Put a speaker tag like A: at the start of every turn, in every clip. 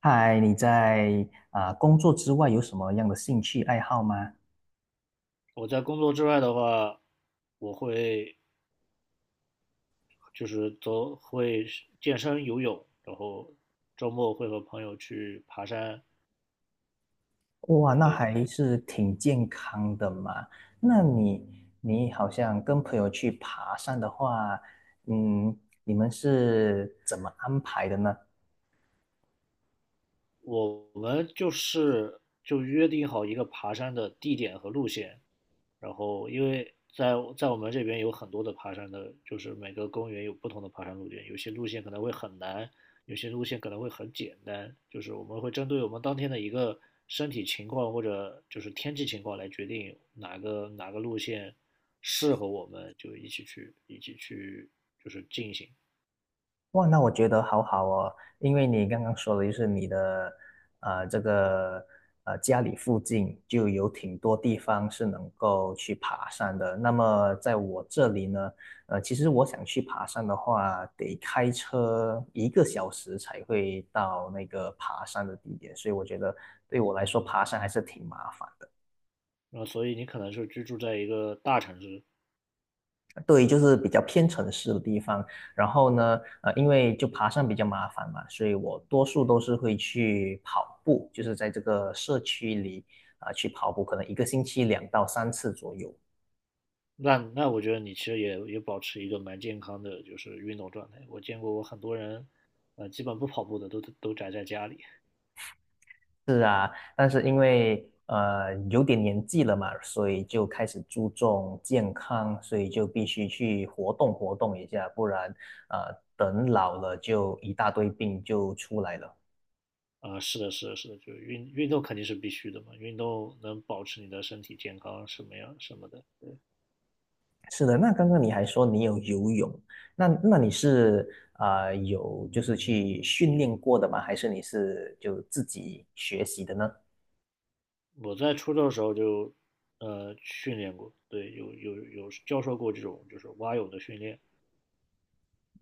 A: 嗨，你在工作之外有什么样的兴趣爱好吗？
B: 我在工作之外的话，我会就是走，会健身、游泳，然后周末会和朋友去爬山。
A: 哇，那
B: 对，
A: 还是挺健康的嘛。那你好像跟朋友去爬山的话，嗯，你们是怎么安排的呢？
B: 我们就是就约定好一个爬山的地点和路线，然后因为在我们这边有很多的爬山的，就是每个公园有不同的爬山路线，有些路线可能会很难，有些路线可能会很简单，就是我们会针对我们当天的一个身体情况或者就是天气情况来决定哪个路线适合我们，就一起去就是进行。
A: 哇，那我觉得好好哦，因为你刚刚说的就是你的，呃，这个家里附近就有挺多地方是能够去爬山的。那么在我这里呢，其实我想去爬山的话，得开车1个小时才会到那个爬山的地点，所以我觉得对我来说爬山还是挺麻烦。
B: 那所以你可能是居住在一个大城市。
A: 对，就是比较偏城市的地方。然后呢，因为就爬山比较麻烦嘛，所以我多数都是会去跑步，就是在这个社区里去跑步，可能一个星期2到3次左右。
B: 那我觉得你其实也保持一个蛮健康的，就是运动状态。我见过我很多人，基本不跑步的都宅在家里。
A: 是啊，但是因为有点年纪了嘛，所以就开始注重健康，所以就必须去活动活动一下，不然等老了就一大堆病就出来了。
B: 是的，是的，是的，就是运动肯定是必须的嘛，运动能保持你的身体健康什么样什么的。
A: 是的，那刚刚你还说你有游泳，那你是有就是去训练过的吗？还是你是就自己学习的呢？
B: 我在初中的时候就，训练过，对，有教授过这种就是蛙泳的训练。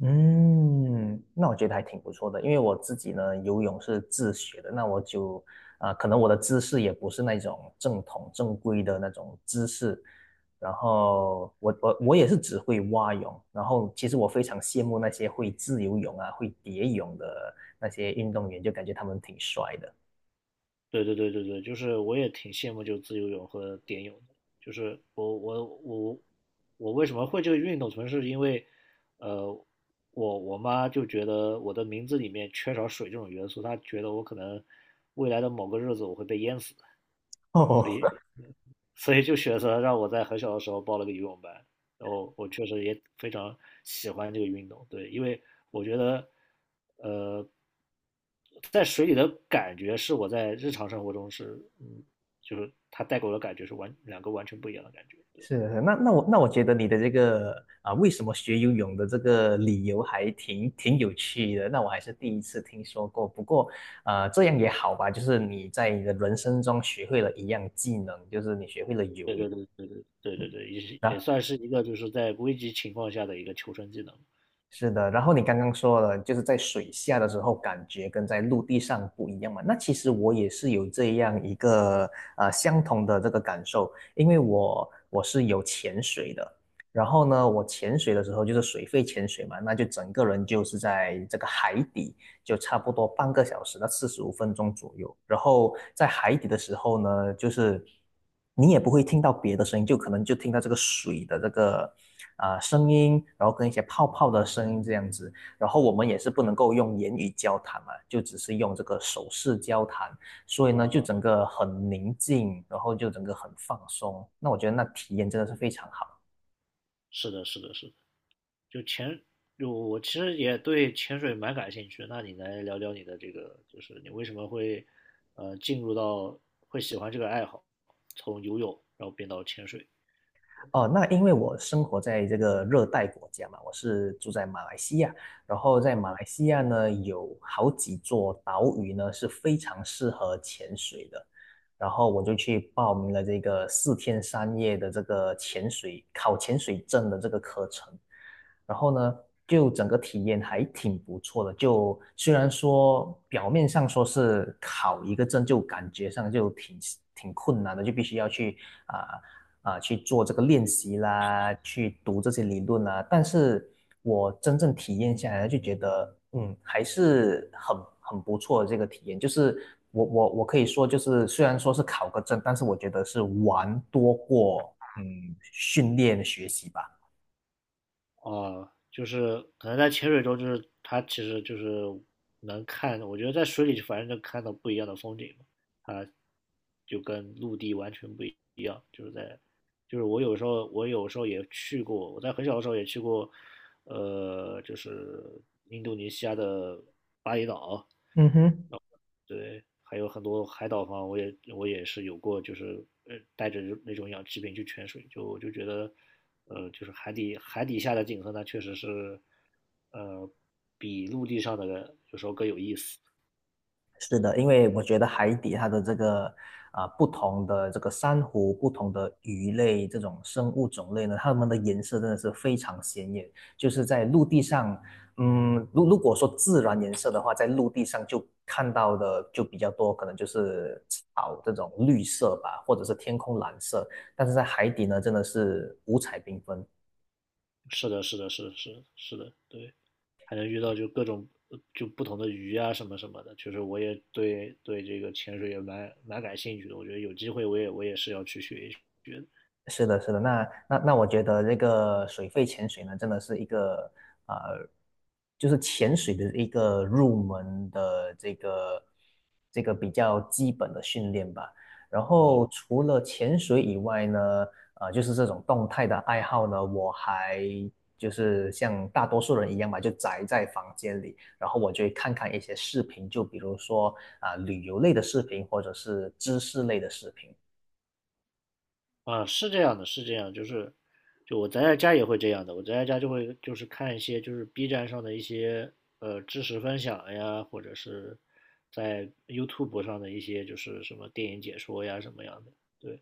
A: 嗯，那我觉得还挺不错的，因为我自己呢游泳是自学的，那我就可能我的姿势也不是那种正统正规的那种姿势，然后我也是只会蛙泳，然后其实我非常羡慕那些会自由泳啊、会蝶泳的那些运动员，就感觉他们挺帅的。
B: 对对对对对，就是我也挺羡慕就自由泳和蝶泳的，就是我为什么会这个运动，纯是因为，呃，我妈就觉得我的名字里面缺少水这种元素，她觉得我可能未来的某个日子我会被淹死，
A: 哦，
B: 所以就选择让我在很小的时候报了个游泳班，然后我确实也非常喜欢这个运动。对，因为我觉得，呃，在水里的感觉是我在日常生活中是，嗯，就是它带给我的感觉是完两个完全不一样的感觉。对，
A: 是是，那我觉得你的这个为什么学游泳的这个理由还挺有趣的，那我还是第一次听说过。不过，这样也好吧，就是你在你的人生中学会了一样技能，就是你学会了
B: 对
A: 游泳。
B: 对对对对对对对，也是
A: 啊。
B: 也算是一个就是在危急情况下的一个求生技能。
A: 是的，然后你刚刚说了，就是在水下的时候感觉跟在陆地上不一样嘛。那其实我也是有这样一个相同的这个感受，因为我是有潜水的，然后呢，我潜水的时候就是水肺潜水嘛，那就整个人就是在这个海底，就差不多半个小时到45分钟左右。然后在海底的时候呢，就是你也不会听到别的声音，就可能就听到这个水的这个声音，然后跟一些泡泡的声音这样子。然后我们也是不能够用言语交谈嘛，就只是用这个手势交谈，所以呢，就
B: 啊、
A: 整个很宁静，然后就整个很放松。那我觉得那体验真的是非常好。
B: 是的，是的，是的。就潜，就我其实也对潜水蛮感兴趣。那你来聊聊你的这个，就是你为什么会进入到会喜欢这个爱好，从游泳然后变到潜水？
A: 哦，那因为我生活在这个热带国家嘛，我是住在马来西亚，然后在马
B: 嗯。
A: 来西亚呢，有好几座岛屿呢是非常适合潜水的，然后我就去报名了这个4天3夜的这个潜水，考潜水证的这个课程。然后呢，就整个体验还挺不错的。就虽然说表面上说是考一个证，就感觉上就挺困难的，就必须要去啊啊、去做这个练习啦，去读这些理论啦。但是我真正体验下来，就觉得还是很不错的这个体验。就是我可以说，就是虽然说是考个证，但是我觉得是玩多过训练学习吧。
B: 哦，就是可能在潜水中，就是它其实就是能看，我觉得在水里反正能看到不一样的风景嘛，它就跟陆地完全不一样。就是在，就是我有时候也去过，我在很小的时候也去过，就是印度尼西亚的巴厘岛。
A: 嗯哼。
B: 对，还有很多海岛房，我也是有过，就是带着那种氧气瓶去潜水，就我就觉得，就是海底下的景色呢，确实是，呃，比陆地上的有时候更有意思。
A: 是的，因为我觉得海底它的这个不同的这个珊瑚、不同的鱼类这种生物种类呢，它们的颜色真的是非常鲜艳。就是在陆地上，如果说自然颜色的话，在陆地上就看到的就比较多，可能就是草这种绿色吧，或者是天空蓝色。但是在海底呢，真的是五彩缤纷。
B: 是的，是的，是的是的是的。对，还能遇到就各种就不同的鱼啊什么什么的，确实我也对这个潜水也蛮感兴趣的，我觉得有机会我也是要去学一学的。
A: 是的，是的，那那那，我觉得这个水肺潜水呢，真的是一个呃，就是潜水的一个入门的这个比较基本的训练吧。然后
B: 嗯。
A: 除了潜水以外呢，就是这种动态的爱好呢，我还就是像大多数人一样吧，就宅在房间里，然后我就会看看一些视频，就比如说啊、旅游类的视频或者是知识类的视频。
B: 啊，是这样的，是这样，就是，就我宅在家也会这样的，我宅在家就会就是看一些就是 B 站上的一些知识分享呀，或者是在 YouTube 上的一些就是什么电影解说呀什么样的。对，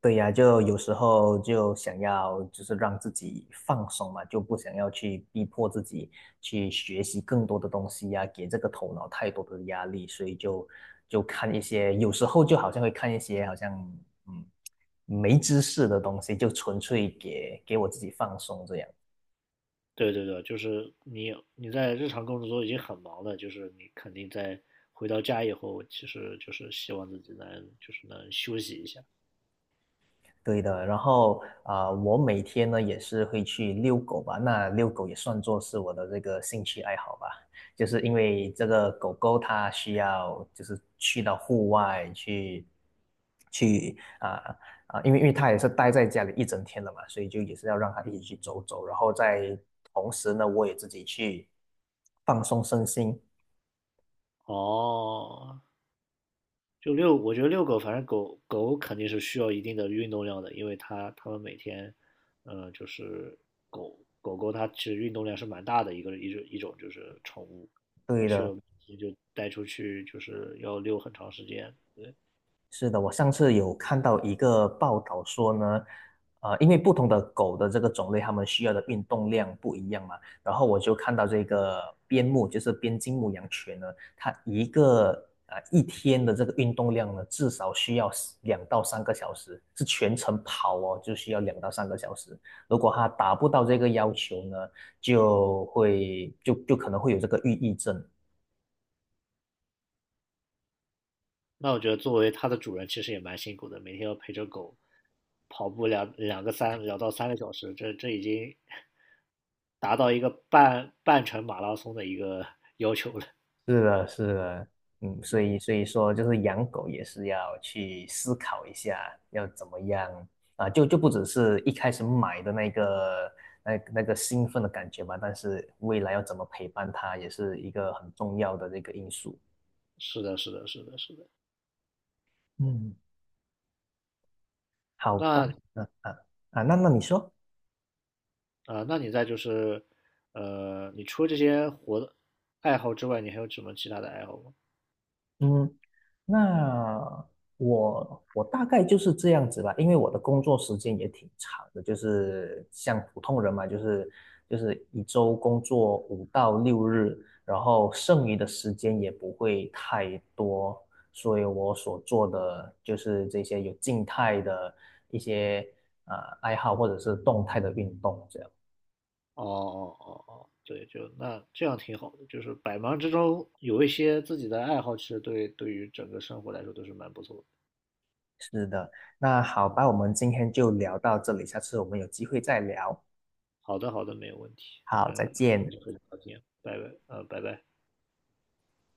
A: 对呀，就有时候就想要就是让自己放松嘛，就不想要去逼迫自己去学习更多的东西呀，给这个头脑太多的压力，所以就看一些，有时候就好像会看一些好像嗯没知识的东西，就纯粹给我自己放松这样。
B: 对对对，就是你在日常工作中已经很忙了，就是你肯定在回到家以后，其实就是希望自己能就是能休息一下。
A: 对的，然后我每天呢也是会去遛狗吧，那遛狗也算作是我的这个兴趣爱好吧，就是因为这个狗狗它需要就是去到户外去，去因为它也是待在家里一整天了嘛，所以就也是要让它一起去走走，然后在同时呢，我也自己去放松身心，
B: 哦，我觉得遛狗，反正狗狗肯定是需要一定的运动量的，因为它们每天，就是狗狗它其实运动量是蛮大的一种就是宠物，它
A: 对
B: 需
A: 的。
B: 要也就带出去就是要遛很长时间。
A: 是的，我上次有看到一个报道说呢，因为不同的狗的这个种类，它们需要的运动量不一样嘛。然后我就看到这个边牧，就是边境牧羊犬呢，它一个一天的这个运动量呢，至少需要两到三个小时，是全程跑哦，就需要两到三个小时。如果它达不到这个要求呢，就会就可能会有这个抑郁症。
B: 那我觉得作为它的主人其实也蛮辛苦的，每天要陪着狗跑步两到三个小时，这这已经 达到一个半程马拉松的一个 要求了。
A: 是的，是的，所
B: 嗯，
A: 以所以说，就是养狗也是要去思考一下，要怎么样就不只是一开始买的那个那个兴奋的感觉吧，但是未来要怎么陪伴它，也是一个很重要的这个因素。
B: 是的，是的，是的，是的。
A: 嗯，好吧，
B: 那
A: 嗯啊那你说？
B: 啊，那你在就是，你除了这些活的爱好之外，你还有什么其他的爱好吗？
A: 嗯，那我大概就是这样子吧，因为我的工作时间也挺长的，就是像普通人嘛，就是一周工作5到6日，然后剩余的时间也不会太多，所以我所做的就是这些有静态的一些呃爱好或者是动态的运动这样。
B: 哦哦哦哦，对，就那这样挺好的，就是百忙之中有一些自己的爱好，其实对于整个生活来说都是蛮不错的。
A: 是的，那好
B: 嗯，
A: 吧，我们今天就聊到这里，下次我们有机会再聊。
B: 好的好的，没有问题，
A: 好，
B: 很
A: 再见。
B: 很很高兴，拜拜，拜拜。